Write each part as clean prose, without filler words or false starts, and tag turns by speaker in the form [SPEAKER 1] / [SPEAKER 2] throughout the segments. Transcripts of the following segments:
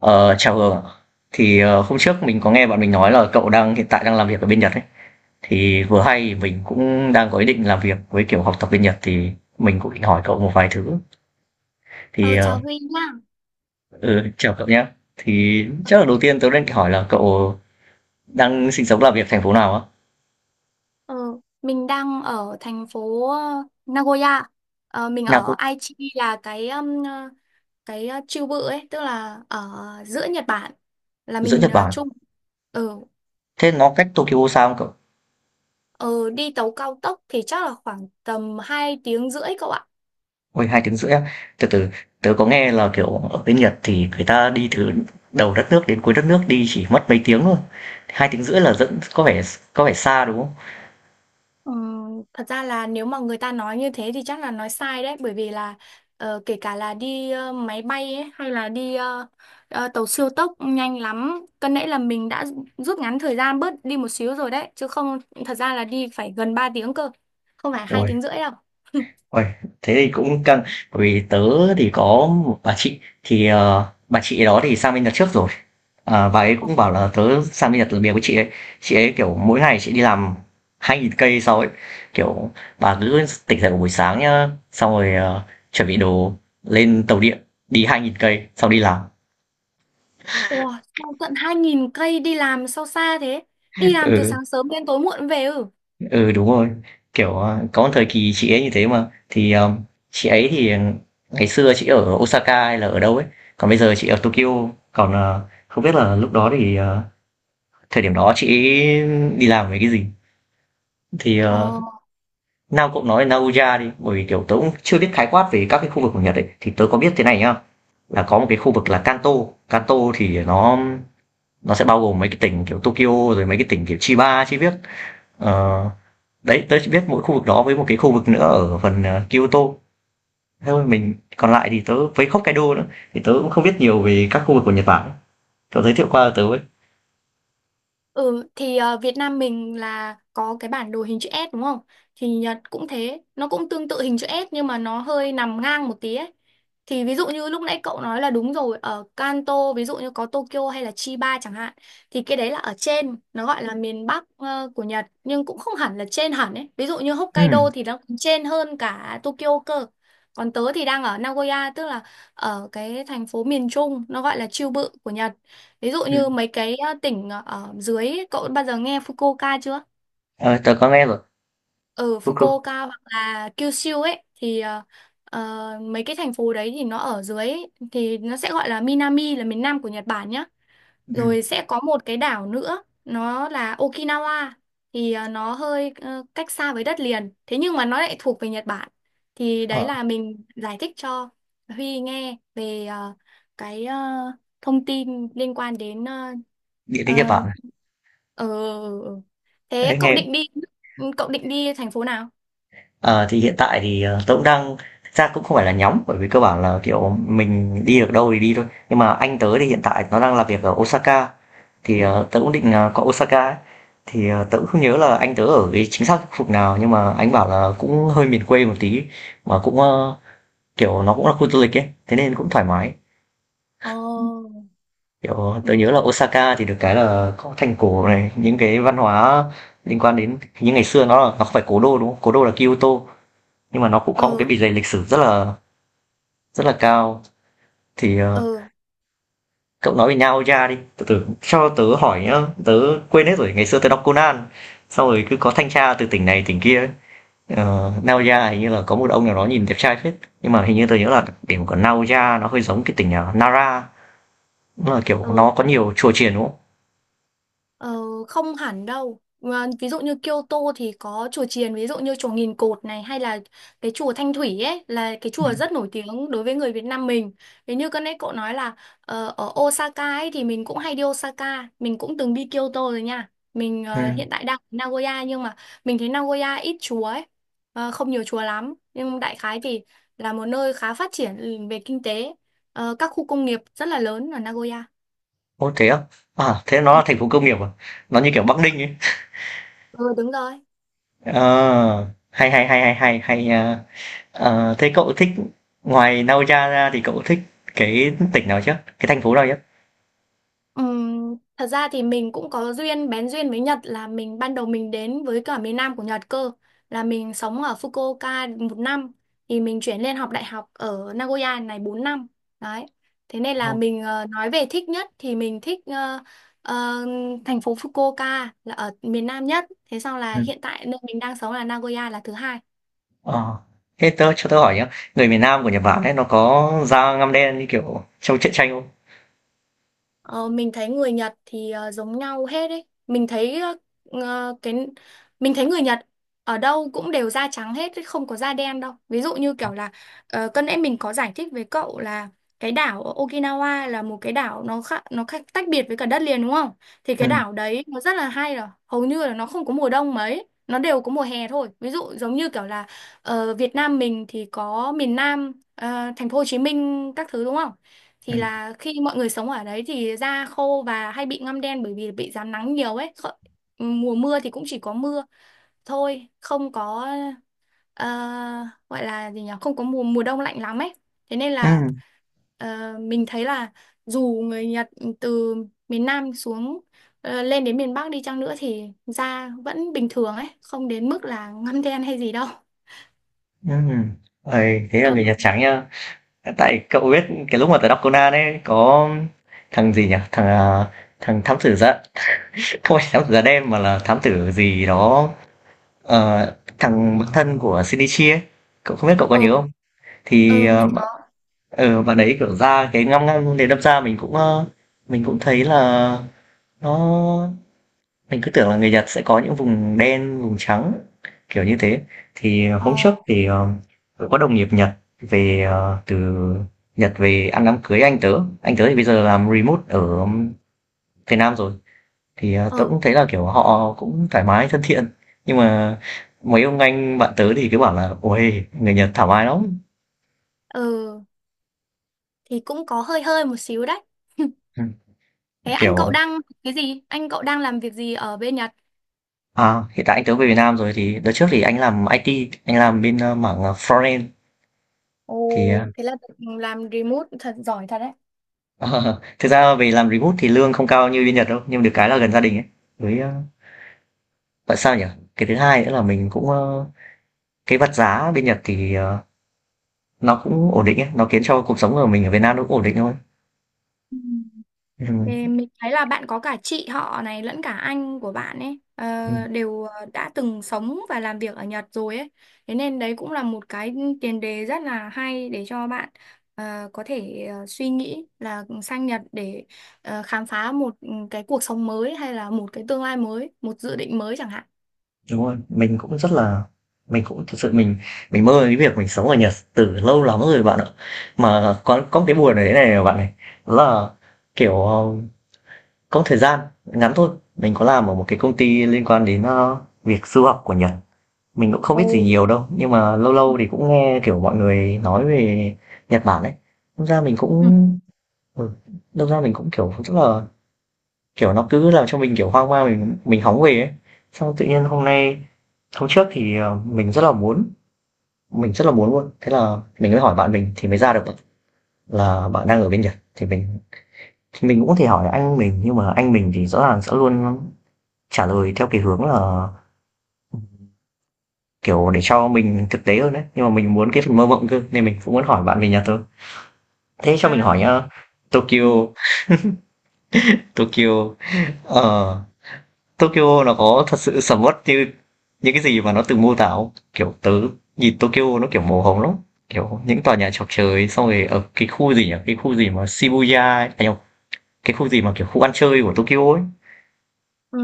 [SPEAKER 1] Ờ, chào Hường ạ. Thì hôm trước mình có nghe bạn mình nói là cậu hiện tại đang làm việc ở bên Nhật ấy. Thì vừa hay mình cũng đang có ý định làm việc với kiểu học tập bên Nhật, thì mình cũng định hỏi cậu một vài thứ. Thì
[SPEAKER 2] Ờ, Chào
[SPEAKER 1] ờ,
[SPEAKER 2] Huy nhá.
[SPEAKER 1] ừ, chào cậu nhé. Thì
[SPEAKER 2] Ờ,
[SPEAKER 1] chắc là đầu tiên tớ đang hỏi là cậu đang sinh sống làm việc thành phố nào á?
[SPEAKER 2] ờ, mình đang ở thành phố Nagoya. Ờ, mình
[SPEAKER 1] Nào
[SPEAKER 2] ở
[SPEAKER 1] có
[SPEAKER 2] Aichi là cái cái chiêu bự ấy, tức là ở giữa Nhật Bản. Là
[SPEAKER 1] giữa
[SPEAKER 2] mình
[SPEAKER 1] Nhật Bản.
[SPEAKER 2] chung. Ờ,
[SPEAKER 1] Thế nó cách Tokyo xa không cậu?
[SPEAKER 2] ờ, Đi tàu cao tốc thì chắc là khoảng tầm 2 tiếng rưỡi cậu ạ.
[SPEAKER 1] Ôi, 2 tiếng rưỡi á? Từ từ, tớ có nghe là, kiểu, ở bên Nhật thì người ta đi từ đầu đất nước đến cuối đất nước đi chỉ mất mấy tiếng thôi. 2 tiếng rưỡi là dẫn có vẻ xa, đúng không?
[SPEAKER 2] Ừ, thật ra là nếu mà người ta nói như thế thì chắc là nói sai đấy, bởi vì là kể cả là đi máy bay ấy, hay là đi tàu siêu tốc nhanh lắm, cân nãy là mình đã rút ngắn thời gian bớt đi một xíu rồi đấy, chứ không thật ra là đi phải gần 3 tiếng cơ, không phải hai
[SPEAKER 1] Uầy,
[SPEAKER 2] tiếng rưỡi đâu.
[SPEAKER 1] uầy, thế thì cũng căng. Bởi vì tớ thì có một bà chị, thì, bà chị đó thì sang bên Nhật trước rồi. Bà ấy cũng bảo là tớ sang bên Nhật làm việc với Chị ấy kiểu mỗi ngày chị đi làm 2.000 cây sau ấy, kiểu bà cứ tỉnh dậy vào buổi sáng nhá, xong rồi chuẩn bị đồ, lên tàu điện, đi 2.000 cây xong đi làm.
[SPEAKER 2] Ủa, sao tận 2000 cây đi làm, sao xa thế? Đi làm từ
[SPEAKER 1] Ừ,
[SPEAKER 2] sáng sớm đến tối muộn về. Ừ
[SPEAKER 1] ừ, đúng rồi. Kiểu có một thời kỳ chị ấy như thế. Mà thì chị ấy thì ngày xưa chị ở Osaka hay là ở đâu ấy, còn bây giờ chị ở Tokyo. Còn không biết là lúc đó thì thời điểm đó chị ấy đi làm về cái gì thì
[SPEAKER 2] ờ
[SPEAKER 1] nào cậu nói Naoya đi, bởi vì kiểu tớ cũng chưa biết khái quát về các cái khu vực của Nhật ấy, thì tớ có biết thế này nhá: là có một cái khu vực là Kanto. Kanto thì nó sẽ bao gồm mấy cái tỉnh kiểu Tokyo, rồi mấy cái tỉnh kiểu Chiba chi biết. Ờ, đấy tớ chỉ biết mỗi khu vực đó, với một cái khu vực nữa ở phần Kyoto thôi. Mình còn lại thì tớ với Hokkaido nữa, thì tớ cũng không biết nhiều về các khu vực của Nhật Bản, cậu giới thiệu qua cho tớ ấy.
[SPEAKER 2] Ừ thì Việt Nam mình là có cái bản đồ hình chữ S đúng không? Thì Nhật cũng thế, nó cũng tương tự hình chữ S nhưng mà nó hơi nằm ngang một tí ấy. Thì ví dụ như lúc nãy cậu nói là đúng rồi, ở Kanto ví dụ như có Tokyo hay là Chiba chẳng hạn, thì cái đấy là ở trên, nó gọi là miền Bắc của Nhật, nhưng cũng không hẳn là trên hẳn ấy. Ví dụ như
[SPEAKER 1] Ừ.
[SPEAKER 2] Hokkaido thì nó còn trên hơn cả Tokyo cơ. Còn tớ thì đang ở Nagoya, tức là ở cái thành phố miền Trung, nó gọi là Chiêu Bự của Nhật. Ví dụ
[SPEAKER 1] Ừ.
[SPEAKER 2] như mấy cái tỉnh ở dưới ấy, cậu bao giờ nghe Fukuoka chưa?
[SPEAKER 1] Ờ, tớ có nghe rồi.
[SPEAKER 2] Ở
[SPEAKER 1] Fuku
[SPEAKER 2] Fukuoka hoặc là Kyushu ấy thì mấy cái thành phố đấy thì nó ở dưới ấy, thì nó sẽ gọi là Minami, là miền Nam của Nhật Bản nhá.
[SPEAKER 1] ừ.
[SPEAKER 2] Rồi sẽ có một cái đảo nữa nó là Okinawa, thì nó hơi cách xa với đất liền. Thế nhưng mà nó lại thuộc về Nhật Bản. Thì đấy
[SPEAKER 1] Ờ,
[SPEAKER 2] là mình giải thích cho Huy nghe về cái thông tin liên quan đến
[SPEAKER 1] địa lý Nhật
[SPEAKER 2] ờ,
[SPEAKER 1] Bản
[SPEAKER 2] Ờ. Thế
[SPEAKER 1] đấy
[SPEAKER 2] cậu
[SPEAKER 1] nghe.
[SPEAKER 2] định đi, cậu định đi thành phố nào?
[SPEAKER 1] Ờ, thì hiện tại thì, tớ cũng đang, thực ra cũng không phải là nhóm, bởi vì cơ bản là, kiểu, mình đi được đâu thì đi thôi. Nhưng mà anh tớ thì hiện tại nó đang làm việc ở Osaka, thì, tớ cũng định, qua Osaka ấy. Thì, tớ cũng không nhớ là anh tớ ở cái chính xác khu vực nào, nhưng mà anh bảo là cũng hơi miền quê một tí, mà cũng, ơ, kiểu, nó cũng là khu du lịch ấy, thế nên cũng thoải mái.
[SPEAKER 2] Ồ.
[SPEAKER 1] Kiểu, tớ
[SPEAKER 2] Ừ.
[SPEAKER 1] nhớ là Osaka thì được cái là có thành cổ này, những cái văn hóa liên quan đến những ngày xưa. Nó là, nó không phải cố đô, đúng không? Cố đô là Kyoto, nhưng mà nó cũng có một
[SPEAKER 2] Ừ.
[SPEAKER 1] cái bề dày lịch sử rất là cao. Thì
[SPEAKER 2] Ừ.
[SPEAKER 1] cậu nói về nhà, đi từ từ cho tớ hỏi nhá. Tớ quên hết rồi, ngày xưa tớ đọc Conan sau rồi cứ có thanh tra từ tỉnh này tỉnh kia ấy. Ờ, Naoya hình như là có một ông nào đó nhìn đẹp trai phết, nhưng mà hình như tớ nhớ là điểm của Naoya nó hơi giống cái tỉnh Nara, nó là kiểu
[SPEAKER 2] Ừ.
[SPEAKER 1] nó có nhiều chùa chiền, đúng không?
[SPEAKER 2] Ờ, không hẳn đâu. Mà ví dụ như Kyoto thì có chùa chiền, ví dụ như chùa Nghìn Cột này hay là cái chùa Thanh Thủy ấy, là cái
[SPEAKER 1] Ừ.
[SPEAKER 2] chùa rất nổi tiếng đối với người Việt Nam mình. Thế như cái nãy cậu nói là ở Osaka ấy thì mình cũng hay đi Osaka, mình cũng từng đi Kyoto rồi nha. Mình
[SPEAKER 1] Ừ.
[SPEAKER 2] hiện tại đang ở Nagoya nhưng mà mình thấy Nagoya ít chùa ấy, không nhiều chùa lắm. Nhưng đại khái thì là một nơi khá phát triển về kinh tế. Ờ, các khu công nghiệp rất là lớn ở Nagoya.
[SPEAKER 1] Ô thế á? À thế nó
[SPEAKER 2] Ừ.
[SPEAKER 1] là thành phố công nghiệp à? Nó như kiểu Bắc Ninh ấy.
[SPEAKER 2] Ừ đúng rồi.
[SPEAKER 1] Ờ, hay, hay, hay, hay, hay, hay nha. Ờ, thế cậu thích, ngoài Nagoya ra thì cậu thích cái tỉnh nào chứ, cái thành phố nào chứ?
[SPEAKER 2] Thật ra thì mình cũng có duyên, bén duyên với Nhật là ban đầu mình đến với cả miền Nam của Nhật cơ, là mình sống ở Fukuoka 1 năm, thì mình chuyển lên học đại học ở Nagoya này 4 năm đấy. Thế nên là
[SPEAKER 1] Đúng.
[SPEAKER 2] mình nói về thích nhất thì mình thích ờ, thành phố Fukuoka là ở miền Nam nhất, thế sau là
[SPEAKER 1] Ừ.
[SPEAKER 2] hiện tại nơi mình đang sống là Nagoya là thứ hai.
[SPEAKER 1] Ờ, thế tớ cho tớ hỏi nhá, người miền Nam của Nhật Bản ấy nó có da ngăm đen như kiểu trong truyện tranh không?
[SPEAKER 2] Ờ, mình thấy người Nhật thì giống nhau hết ấy. Mình thấy ờ, ờ, cái mình thấy người Nhật ở đâu cũng đều da trắng hết, chứ không có da đen đâu. Ví dụ như
[SPEAKER 1] Ờ.
[SPEAKER 2] kiểu là cân nãy mình có giải thích với cậu là cái đảo ở Okinawa là một cái đảo, nó khác, tách biệt với cả đất liền đúng không? Thì
[SPEAKER 1] Ừ,
[SPEAKER 2] cái đảo đấy nó rất là hay rồi, hầu như là nó không có mùa đông mấy, nó đều có mùa hè thôi. Ví dụ giống như kiểu là ở Việt Nam mình thì có miền Nam, thành phố Hồ Chí Minh các thứ đúng không?
[SPEAKER 1] ừ,
[SPEAKER 2] Thì là khi mọi người sống ở đấy thì da khô và hay bị ngăm đen bởi vì bị rám nắng nhiều ấy. Mùa mưa thì cũng chỉ có mưa thôi, không có ờ, gọi là gì nhỉ, không có mùa mùa đông lạnh lắm ấy, thế nên là mình thấy là dù người Nhật từ miền Nam xuống, lên đến miền Bắc đi chăng nữa thì da vẫn bình thường ấy, không đến mức là ngăm đen hay gì đâu.
[SPEAKER 1] ừ, ừ. Ôi, thế là
[SPEAKER 2] ờ
[SPEAKER 1] người Nhật trắng nhá. Tại cậu biết, cái lúc mà tớ đọc Conan ấy có thằng gì nhỉ? Thằng à, thằng thám tử da không phải thám tử da đen mà là thám tử gì đó. Ờ, thằng bạn thân của Shinichi ấy, cậu không biết cậu có
[SPEAKER 2] ờ
[SPEAKER 1] nhớ không? Thì
[SPEAKER 2] ờ, mình
[SPEAKER 1] bạn,
[SPEAKER 2] có.
[SPEAKER 1] bạn ấy kiểu ra cái ngăm ngăm, để đâm ra mình cũng, mình cũng thấy là nó, mình cứ tưởng là người Nhật sẽ có những vùng đen, vùng trắng kiểu như thế. Thì hôm trước
[SPEAKER 2] ờ
[SPEAKER 1] thì tớ có đồng nghiệp Nhật về từ Nhật về ăn đám cưới anh tớ. Anh tớ thì bây giờ làm remote ở Việt Nam rồi. Thì, tớ
[SPEAKER 2] ờ
[SPEAKER 1] cũng thấy là, kiểu, họ cũng thoải mái, thân thiện, nhưng mà mấy ông anh bạn tớ thì cứ bảo là "Uầy, người Nhật thoải mái lắm!"
[SPEAKER 2] ờ thì cũng có hơi hơi một xíu đấy.
[SPEAKER 1] Ừm,
[SPEAKER 2] Thế anh cậu
[SPEAKER 1] kiểu
[SPEAKER 2] đang cái gì? Anh cậu đang làm việc gì ở bên Nhật?
[SPEAKER 1] à, hiện tại anh tớ về Việt Nam rồi. Thì đợt trước thì anh làm IT, anh làm bên, ơ, mảng, Front-end.
[SPEAKER 2] Ồ,
[SPEAKER 1] Thì,
[SPEAKER 2] thế là được làm remote thật, giỏi thật đấy.
[SPEAKER 1] thực ra về làm remote thì lương không cao như bên Nhật đâu, nhưng được cái là gần gia đình ấy, với, ơ, tại sao nhỉ? Cái thứ hai nữa là mình cũng, ơ, cái vật giá bên Nhật thì, nó cũng ổn định ấy, nó khiến cho cuộc sống của mình ở Việt Nam nó cũng ổn định thôi.
[SPEAKER 2] Ừ.
[SPEAKER 1] Ừm.
[SPEAKER 2] Thì mình thấy là bạn có cả chị họ này lẫn cả anh của bạn ấy đều đã từng sống và làm việc ở Nhật rồi ấy. Thế nên đấy cũng là một cái tiền đề rất là hay để cho bạn có thể suy nghĩ là sang Nhật để khám phá một cái cuộc sống mới, hay là một cái tương lai mới, một dự định mới chẳng hạn.
[SPEAKER 1] Đúng rồi, mình cũng rất là, mình cũng thực sự mình mơ cái việc mình sống ở Nhật từ lâu lắm rồi bạn ạ. Mà có một cái buồn ở đấy này bạn này, đó là, kiểu, có một thời gian ngắn thôi, mình có làm ở một cái công ty liên quan đến, ơ, việc du học của Nhật. Mình cũng không biết gì
[SPEAKER 2] Ồ.
[SPEAKER 1] nhiều đâu, nhưng mà lâu lâu thì cũng nghe, kiểu, mọi người nói về Nhật Bản ấy, đâm ra mình cũng,
[SPEAKER 2] Ừ.
[SPEAKER 1] ừ, đâm ra mình cũng, kiểu, rất là. Kiểu nó cứ làm cho mình, kiểu, hoang mang. Mình hóng về ấy. Xong tự nhiên hôm nay, hôm trước thì, mình rất là muốn, mình rất là muốn luôn, thế là mình mới hỏi bạn mình thì mới ra được là bạn đang ở bên Nhật. Thì mình, thì mình cũng có thể hỏi anh mình, nhưng mà anh mình thì rõ ràng sẽ luôn trả lời theo cái hướng là, kiểu, để cho mình thực tế hơn đấy, nhưng mà mình muốn cái phần mơ mộng cơ, nên mình cũng muốn hỏi bạn về Nhật thôi. Thế cho mình
[SPEAKER 2] À.
[SPEAKER 1] hỏi nhá, Tokyo
[SPEAKER 2] Ừ.
[SPEAKER 1] Tokyo, ờ Tokyo nó có thật sự sầm uất như những cái gì mà nó từng mô tả không? Kiểu tớ nhìn Tokyo nó kiểu màu hồng lắm. Kiểu những tòa nhà chọc trời, xong rồi ở cái khu gì nhỉ? Cái khu gì mà Shibuya ấy. À, nhầm, cái khu gì mà kiểu khu ăn chơi của Tokyo ấy.
[SPEAKER 2] Ừ,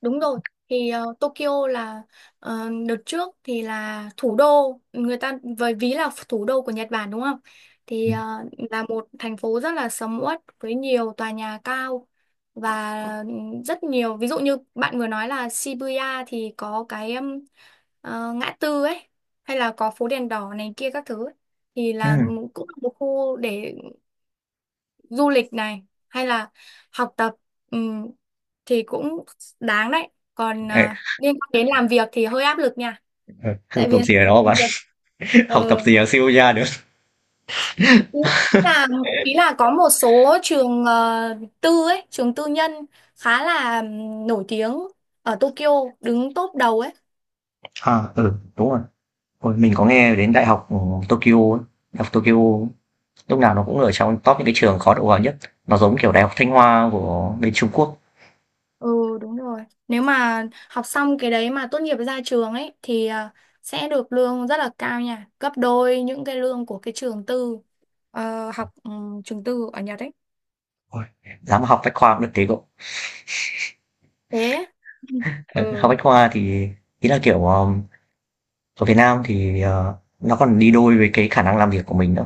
[SPEAKER 2] đúng rồi. Thì Tokyo là đợt trước thì là thủ đô, người ta với ví là thủ đô của Nhật Bản đúng không? Thì
[SPEAKER 1] Ừ.
[SPEAKER 2] là một thành phố rất là sầm uất với nhiều tòa nhà cao, và rất nhiều ví dụ như bạn vừa nói là Shibuya thì có cái ngã tư ấy, hay là có phố đèn đỏ này kia các thứ ấy. Thì là
[SPEAKER 1] Ừ.
[SPEAKER 2] cũng là một khu để du lịch này, hay là học tập, ừm, thì cũng đáng đấy. Còn
[SPEAKER 1] Ê,
[SPEAKER 2] liên quan đến làm việc thì hơi áp lực nha.
[SPEAKER 1] ờ, học
[SPEAKER 2] Tại vì
[SPEAKER 1] tập gì ở đó
[SPEAKER 2] làm
[SPEAKER 1] bạn?
[SPEAKER 2] việc
[SPEAKER 1] Học tập
[SPEAKER 2] ờ,
[SPEAKER 1] gì ở Shibuya được?
[SPEAKER 2] ý là, ý là có một số trường tư ấy, trường tư nhân khá là nổi tiếng ở Tokyo, đứng top đầu ấy.
[SPEAKER 1] À, ừ, đúng rồi. Ôi, mình có nghe đến đại học, Tokyo ấy. Đại học Tokyo lúc nào nó cũng ở trong top những cái trường khó đậu vào nhất. Nó giống kiểu đại học Thanh Hoa của bên Trung Quốc.
[SPEAKER 2] Ừ đúng rồi. Nếu mà học xong cái đấy mà tốt nghiệp ra trường ấy thì à, sẽ được lương rất là cao nha, gấp đôi những cái lương của cái trường tư, ờ, học ừ, trường tư ở Nhật ấy.
[SPEAKER 1] Ôi, dám học bách khoa cũng được tí cậu.
[SPEAKER 2] Thế. Ừ.
[SPEAKER 1] Học Bách Khoa thì, ý là, kiểu, ở Việt Nam thì, nó còn đi đôi với cái khả năng làm việc của mình nữa.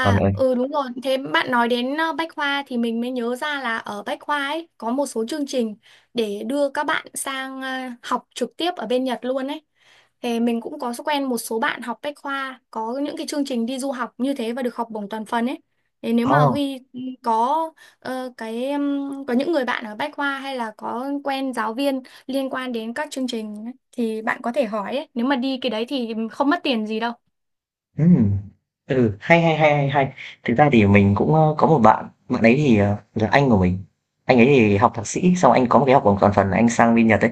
[SPEAKER 1] Còn ở,
[SPEAKER 2] ừ đúng rồi. Thế bạn nói đến Bách Khoa thì mình mới nhớ ra là ở Bách Khoa ấy có một số chương trình để đưa các bạn sang học trực tiếp ở bên Nhật luôn ấy. Thì mình cũng có quen một số bạn học Bách Khoa có những cái chương trình đi du học như thế và được học bổng toàn phần ấy. Thế nếu mà
[SPEAKER 1] oh,
[SPEAKER 2] Huy có ờ, cái có những người bạn ở Bách Khoa, hay là có quen giáo viên liên quan đến các chương trình ấy, thì bạn có thể hỏi ấy. Nếu mà đi cái đấy thì không mất tiền gì đâu.
[SPEAKER 1] ừm, ừ, hay, hay, hay, hay, hay. Thực ra thì mình cũng, ơ, có một bạn, bạn ấy thì, là anh của mình. Anh ấy thì học thạc sĩ, xong anh có một cái học bổng toàn phần, anh sang bên Nhật ấy.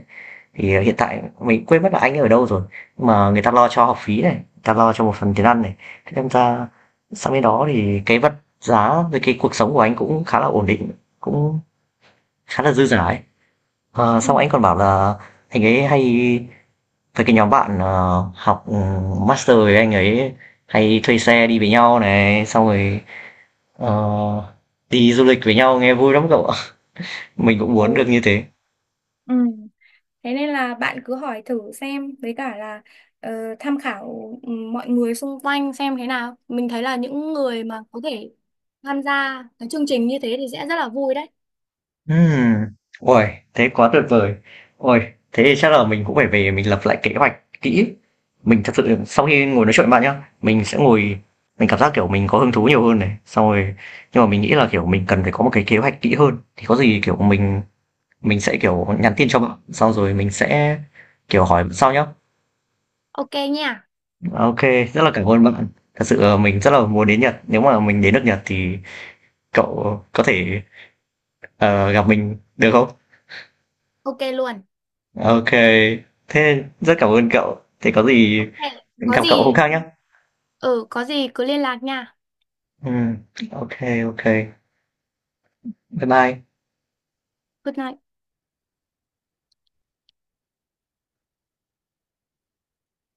[SPEAKER 1] Thì, hiện tại mình quên mất là anh ấy ở đâu rồi, nhưng mà người ta lo cho học phí này, người ta lo cho một phần tiền ăn này. Thế nên ra sang bên đó thì cái vật giá với cái cuộc sống của anh cũng khá là ổn định, cũng khá là dư dả ấy. Ờ,
[SPEAKER 2] Ừ.
[SPEAKER 1] xong anh còn bảo là anh ấy hay với cái nhóm bạn học, master với anh ấy hay thuê xe đi với nhau này, xong rồi ờ, đi du lịch với nhau nghe vui lắm cậu ạ. Mình cũng
[SPEAKER 2] Ừ.
[SPEAKER 1] muốn được như thế.
[SPEAKER 2] Ừ. Thế nên là bạn cứ hỏi thử xem, với cả là ờ, tham khảo mọi người xung quanh xem thế nào. Mình thấy là những người mà có thể tham gia cái chương trình như thế thì sẽ rất là vui đấy.
[SPEAKER 1] Ừm. Ôi, thế quá tuyệt vời. Ôi, thế thì chắc là mình cũng phải về mình lập lại kế hoạch kỹ. Mình thật sự sau khi ngồi nói chuyện với bạn nhá, mình sẽ ngồi, mình cảm giác kiểu mình có hứng thú nhiều hơn này, xong rồi nhưng mà mình nghĩ là kiểu mình cần phải có một cái kế hoạch kỹ hơn. Thì có gì kiểu mình sẽ kiểu nhắn tin cho bạn sau, rồi mình sẽ kiểu hỏi sau nhá.
[SPEAKER 2] Ok nha.
[SPEAKER 1] Ok. Rất là cảm ơn bạn, thật sự mình rất là muốn đến Nhật. Nếu mà mình đến nước Nhật thì cậu có thể, gặp mình được không?
[SPEAKER 2] Ok luôn.
[SPEAKER 1] Ok. Thế rất cảm ơn cậu, thế có gì
[SPEAKER 2] Ok, có
[SPEAKER 1] gặp cậu hôm
[SPEAKER 2] gì,
[SPEAKER 1] khác nhá.
[SPEAKER 2] ừ có gì cứ liên lạc nha.
[SPEAKER 1] Ừ, ok. Ok. Bye bye.
[SPEAKER 2] Good night.